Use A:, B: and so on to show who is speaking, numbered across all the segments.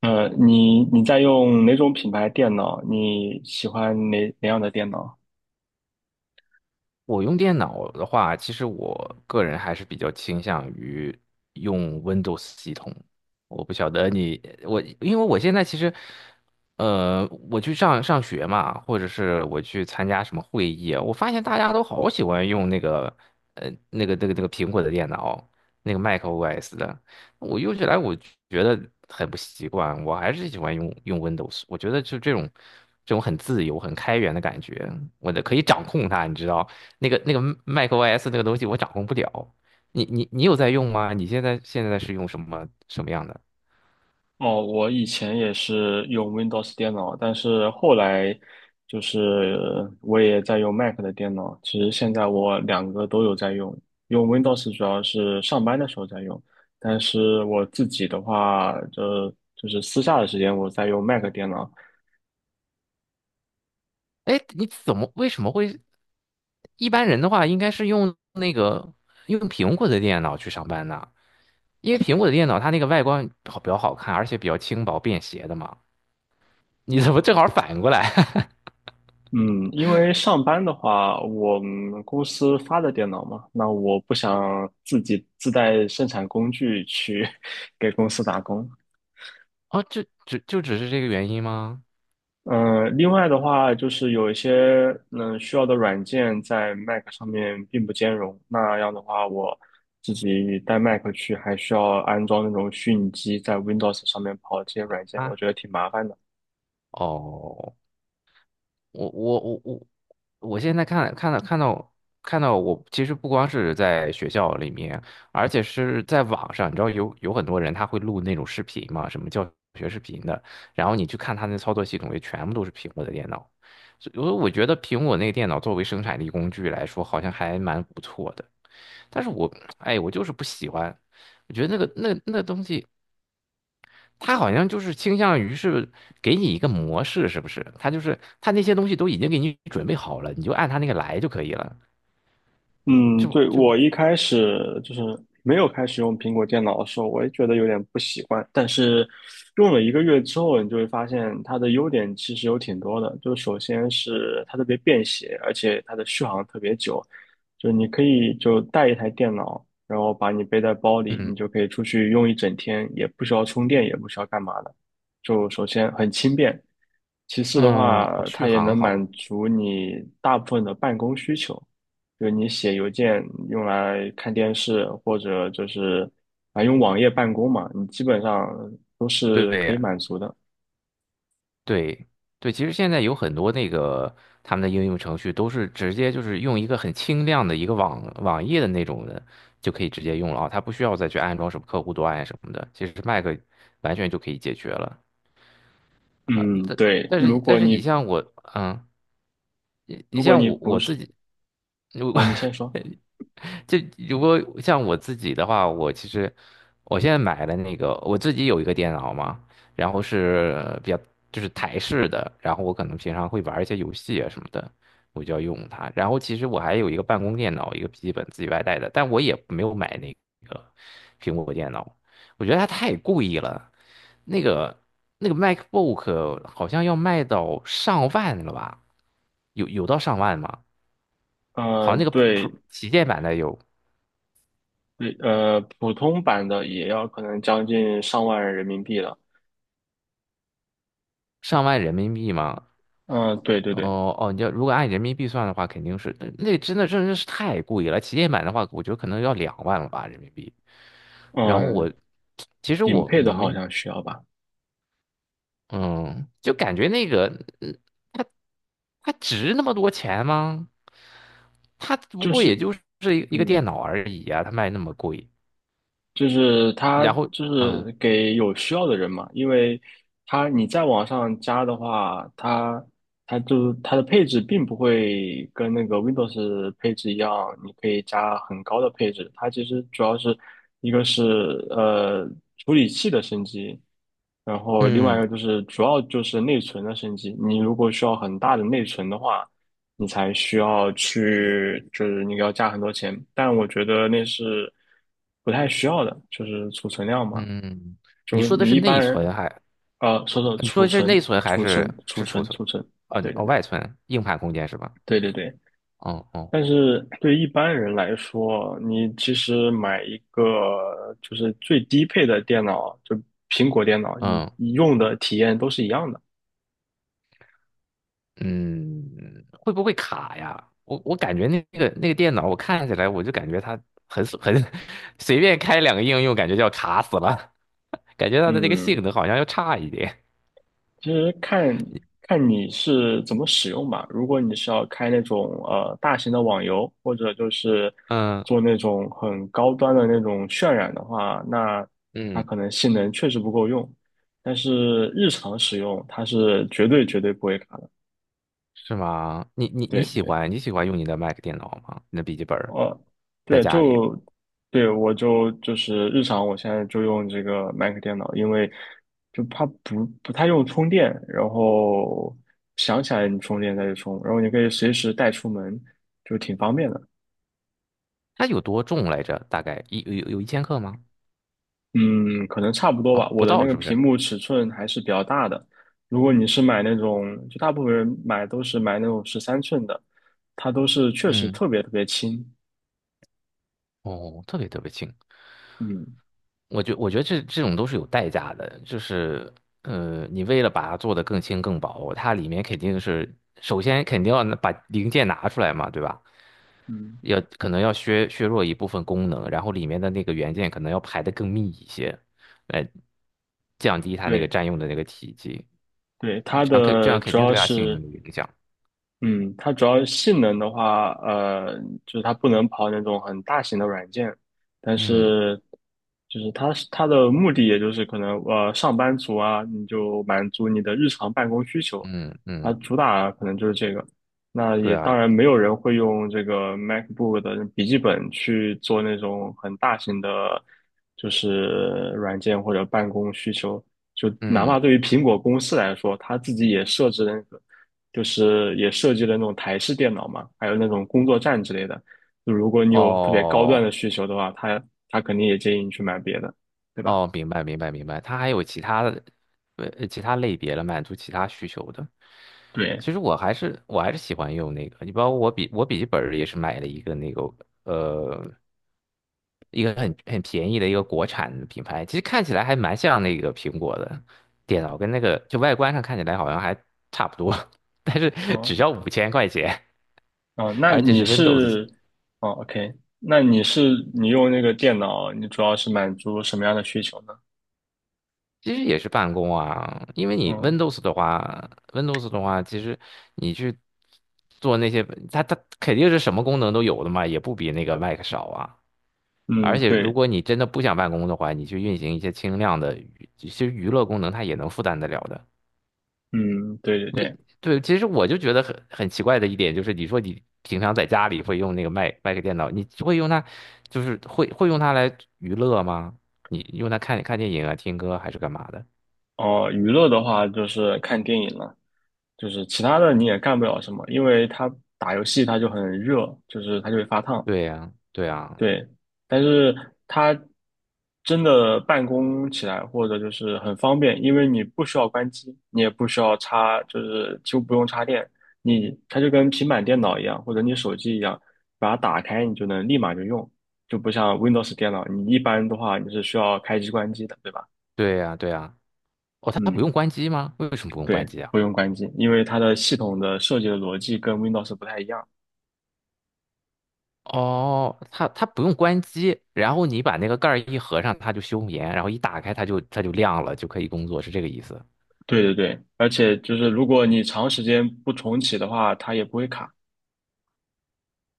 A: 你在用哪种品牌电脑？你喜欢哪样的电脑？
B: 我用电脑的话，其实我个人还是比较倾向于用 Windows 系统。我不晓得你，我因为我现在其实，我去上学嘛，或者是我去参加什么会议啊我发现大家都好喜欢用那个，苹果的电脑，那个 macOS 的。我用起来我觉得很不习惯，我还是喜欢用 Windows。我觉得就这种很自由、很开源的感觉，我的可以掌控它，你知道。macOS 那个东西我掌控不了。你有在用吗？你现在是用什么样的？
A: 哦，我以前也是用 Windows 电脑，但是后来就是我也在用 Mac 的电脑。其实现在我两个都有在用，用 Windows 主要是上班的时候在用，但是我自己的话，就是私下的时间我在用 Mac 电脑。
B: 哎，你怎么为什么会？一般人的话应该是用那个用苹果的电脑去上班呢，因为苹果的电脑它那个外观好比较好看，而且比较轻薄便携的嘛。你怎么正好反过来？
A: 嗯，因为上班的话，我们公司发的电脑嘛，那我不想自己自带生产工具去 给公司打工。
B: 哦，就只是这个原因吗？
A: 嗯，另外的话，就是有一些需要的软件在 Mac 上面并不兼容，那样的话，我自己带 Mac 去，还需要安装那种虚拟机在 Windows 上面跑这些软件，我
B: 啊，
A: 觉得挺麻烦的。
B: 哦。我我现在看到看到我，其实不光是在学校里面，而且是在网上，你知道有很多人他会录那种视频嘛，什么教学视频的，然后你去看他那操作系统，也全部都是苹果的电脑，所以我觉得苹果那个电脑作为生产力工具来说，好像还蛮不错的，但是我哎，我就是不喜欢，我觉得那个那东西。他好像就是倾向于是给你一个模式，是不是？他就是他那些东西都已经给你准备好了，你就按他那个来就可以了，
A: 嗯，
B: 就
A: 对，
B: 就
A: 我
B: 不
A: 一开始就是没有开始用苹果电脑的时候，我也觉得有点不习惯。但是用了1个月之后，你就会发现它的优点其实有挺多的。就首先是它特别便携，而且它的续航特别久。就你可以就带一台电脑，然后把你背在包里，你
B: 嗯
A: 就可以出去用一整天，也不需要充电，也不需要干嘛的。就首先很轻便，其次的
B: 嗯，我
A: 话，它
B: 续
A: 也
B: 航
A: 能满
B: 好，
A: 足你大部分的办公需求，就是你写邮件用来看电视，或者就是啊用网页办公嘛，你基本上都是可以
B: 对
A: 满足的。
B: 对对，其实现在有很多那个他们的应用程序都是直接就是用一个很清亮的一个网页的那种的就可以直接用了啊，它不需要再去安装什么客户端呀什么的，其实 Mac 完全就可以解决了。
A: 嗯，
B: 但
A: 对，
B: 但是
A: 如果
B: 但是你
A: 你
B: 像我嗯。你
A: 如果
B: 像
A: 你
B: 我
A: 不
B: 我
A: 是
B: 自己，如 果
A: 啊，你先说。
B: 就如果像我自己的话，我其实我现在买的那个我自己有一个电脑嘛，然后是比较就是台式的，然后我可能平常会玩一些游戏啊什么的，我就要用它。然后其实我还有一个办公电脑，一个笔记本自己外带的，但我也没有买那个苹果电脑，我觉得它太贵了。那个MacBook 好像要卖到上万了吧？有到上万吗？好像
A: 嗯，
B: 那个 Pro
A: 对
B: 旗舰版的有
A: 对，普通版的也要可能将近上万人民币了。
B: 上万人民币吗？
A: 嗯、对对对。
B: 哦哦，你要如果按人民币算的话，肯定是那真的是太贵了。旗舰版的话，我觉得可能要两万了吧人民币。然后我
A: 嗯、
B: 其实
A: 顶
B: 我
A: 配
B: 我
A: 的好
B: 们
A: 像需要吧，
B: 嗯，就感觉那个嗯它值那么多钱吗？它不
A: 就
B: 过
A: 是。
B: 也就是一个
A: 嗯。
B: 电脑而已啊，它卖那么贵。
A: 就是它
B: 然后
A: 就
B: 嗯
A: 是给有需要的人嘛，因为它你在网上加的话，它的配置并不会跟那个 Windows 配置一样，你可以加很高的配置。它其实主要是一个是呃处理器的升级，然后另外一
B: 嗯
A: 个就是主要就是内存的升级。你如果需要很大的内存的话，你才需要去，就是你要加很多钱。但我觉得那是不太需要的，就是储存量嘛。
B: 嗯，嗯嗯
A: 就
B: 你
A: 是
B: 说的
A: 你
B: 是
A: 一
B: 内
A: 般人，
B: 存还？
A: 说
B: 你说
A: 储
B: 的是内
A: 存、
B: 存还
A: 储存、
B: 是
A: 储
B: 是储
A: 存、
B: 存？
A: 储存，对对
B: 哦，
A: 对
B: 外存，硬盘空间是吧？
A: 对对对。
B: 哦哦，
A: 但是对一般人来说，你其实买一个就是最低配的电脑，就苹果电脑，你
B: 嗯
A: 你用的体验都是一样的。
B: 嗯，会不会卡呀？我感觉那个那个电脑，我看起来我就感觉它很 随便开两个应用，感觉就要卡死了，感觉它的这个性
A: 嗯，
B: 能好像要差一点。
A: 其实看看你是怎么使用吧。如果你是要开那种大型的网游，或者就是
B: 嗯
A: 做那种很高端的那种渲染的话，那它
B: 嗯，
A: 可能性能确实不够用。但是日常使用，它是绝对绝对不会卡的。
B: 是吗？你
A: 对，
B: 喜
A: 对。
B: 欢你喜欢用你的 Mac 电脑吗？你的笔记本儿
A: 呃，
B: 在
A: 对，
B: 家里，
A: 对我就是日常，我现在就用这个 Mac 电脑，因为就它不太用充电，然后想起来你充电再去充，然后你可以随时带出门，就挺方便的。
B: 它有多重来着？大概一有一千克吗？
A: 嗯，可能差不多
B: 哦，
A: 吧。
B: 不
A: 我的那
B: 到
A: 个
B: 是不
A: 屏
B: 是？
A: 幕尺寸还是比较大的，如果你是买那种，就大部分人买都是买那种13寸的，它都是确实
B: 嗯。
A: 特别特别轻。
B: 哦，特别特别轻。
A: 嗯
B: 我觉得这种都是有代价的，就是你为了把它做得更轻更薄，它里面肯定是首先肯定要拿把零件拿出来嘛，对吧？
A: 嗯。
B: 要可能要削弱一部分功能，然后里面的那个元件可能要排的更密一些，来降低它那个
A: 对
B: 占用的那个体积，
A: 对，
B: 嗯
A: 它
B: 这样肯这样
A: 的
B: 肯
A: 主
B: 定
A: 要
B: 对它性能
A: 是
B: 有影响。
A: 嗯，它主要性能的话，就是它不能跑那种很大型的软件，但
B: 嗯
A: 是就是它是它的目的，也就是可能上班族啊，你就满足你的日常办公需求，
B: 嗯
A: 它
B: 嗯，
A: 主打可能就是这个。那
B: 对
A: 也
B: 啊，
A: 当然没有人会用这个 MacBook 的笔记本去做那种很大型的，就是软件或者办公需求。就哪
B: 嗯
A: 怕对于苹果公司来说，它自己也设置了。就是也设计了那种台式电脑嘛，还有那种工作站之类的。就如果你有特别高端
B: 哦。
A: 的需求的话，他肯定也建议你去买别的，对吧？
B: 哦，明白，它还有其他的，呃，其他类别了，满足其他需求的。
A: 对，
B: 其实我还是喜欢用那个，你包括我笔记本儿也是买了一个那个呃一个很便宜的一个国产的品牌，其实看起来还蛮像那个苹果的电脑，跟那个就外观上看起来好像还差不多，但是只
A: 哦
B: 要五千块钱，
A: 哦，那
B: 而且
A: 你
B: 是 Windows
A: 是哦，OK,那你是你用那个电脑，你主要是满足什么样的需求呢？
B: 其实也是办公啊，因为你
A: 嗯
B: Windows 的话，Windows 的话，其实你去做那些，它肯定是什么功能都有的嘛，也不比那个 Mac 少啊。
A: 嗯，
B: 而且如
A: 对，
B: 果你真的不想办公的话，你去运行一些轻量的娱其实娱乐功能它也能负担得了的。
A: 嗯对对对。
B: 对，其实我就觉得很奇怪的一点就是，你说你平常在家里会用那个 Mac 电脑，你会用它，就是会用它来娱乐吗？你用它看电影啊、听歌还是干嘛的？
A: 哦，娱乐的话就是看电影了，就是其他的你也干不了什么，因为它打游戏它就很热，就是它就会发烫。
B: 对呀，对呀。
A: 对，但是它真的办公起来或者就是很方便，因为你不需要关机，你也不需要插，就是就不用插电，它就跟平板电脑一样，或者你手机一样，把它打开你就能立马就用，就不像 Windows 电脑，你一般的话你是需要开机关机的，对吧？
B: 对呀，对呀。哦，它不
A: 嗯，
B: 用关机吗？为什么不用
A: 对，
B: 关机啊？
A: 不用关机，因为它的系统的设计的逻辑跟 Windows 不太一样。
B: 哦，它不用关机，然后你把那个盖儿一合上，它就休眠，然后一打开它就亮了，就可以工作，是这个意思。
A: 对对对，而且就是如果你长时间不重启的话，它也不会卡。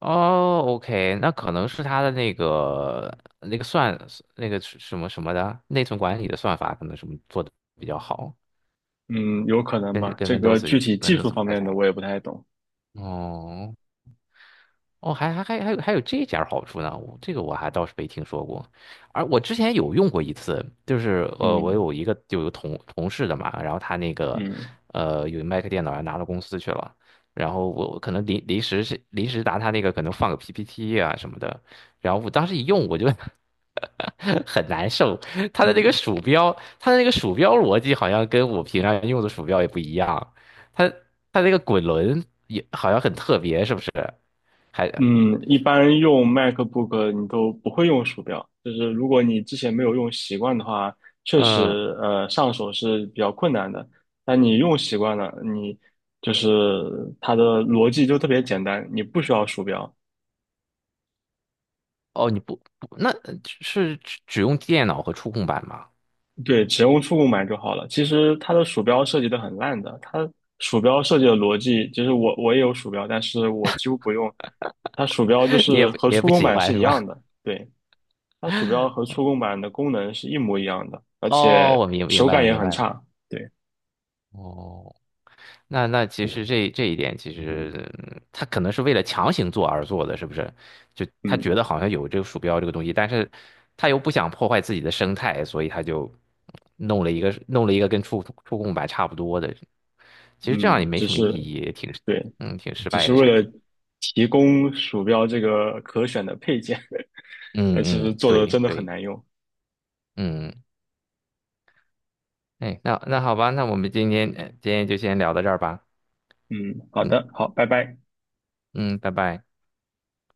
B: 哦，OK，那可能是它的那个那个算那个是什么的内存管理的算法，可能什么做的比较好，
A: 嗯，有可能
B: 跟
A: 吧。
B: 跟
A: 这个
B: Windows
A: 具体技
B: Windows
A: 术
B: 不
A: 方
B: 太
A: 面
B: 像。
A: 的我也不太懂。
B: 哦哦，还有这点儿好处呢，我这个我还倒是没听说过。而我之前有用过一次，就是我
A: 嗯
B: 有一个有个同事的嘛，然后他那个
A: 嗯
B: 呃有 Mac 电脑还拿到公司去了，然后我可能临时拿他那个可能放个 PPT 啊什么的，然后我当时一用我就 很难受，他的那个
A: 嗯
B: 鼠标，他的那个鼠标逻辑好像跟我平常用的鼠标也不一样，他他那个滚轮也好像很特别，是不是？还
A: 嗯，一般用 MacBook 你都不会用鼠标，就是如果你之前没有用习惯的话，确实
B: 嗯，
A: 上手是比较困难的。但你用习惯了，你就是它的逻辑就特别简单，你不需要鼠标，
B: 哦，你不，那是只用电脑和触控板吗？
A: 对，只用触控板就好了。其实它的鼠标设计的很烂的，它鼠标设计的逻辑，就是我也有鼠标，但是我几乎不用。它鼠标就
B: 你也
A: 是
B: 不
A: 和
B: 也
A: 触
B: 不
A: 控
B: 喜
A: 板
B: 欢
A: 是
B: 是
A: 一样
B: 吧？
A: 的，对，它鼠标和触控板的功能是一模一样的，而
B: 哦，
A: 且
B: 我明明
A: 手
B: 白
A: 感
B: 了，
A: 也
B: 明
A: 很
B: 白了。
A: 差。对，
B: 哦，那那其实这一点，其实嗯他可能是为了强行做而做的，是不是？就他觉
A: 嗯
B: 得好像有这个鼠标这个东西，但是他又不想破坏自己的生态，所以他就弄了一个跟触控板差不多的。其实这样也
A: 嗯，
B: 没
A: 只
B: 什么意
A: 是
B: 义，也挺
A: 对，
B: 嗯挺失
A: 只
B: 败
A: 是
B: 的
A: 为
B: 产品。
A: 了提供鼠标这个可选的配件，其
B: 嗯
A: 实
B: 嗯，
A: 做的
B: 对
A: 真的很
B: 对。
A: 难用。
B: 嗯哎，那那好吧，那我们今天今天就先聊到这儿吧。
A: 嗯，好
B: 嗯
A: 的，好，拜拜。
B: 嗯，拜拜。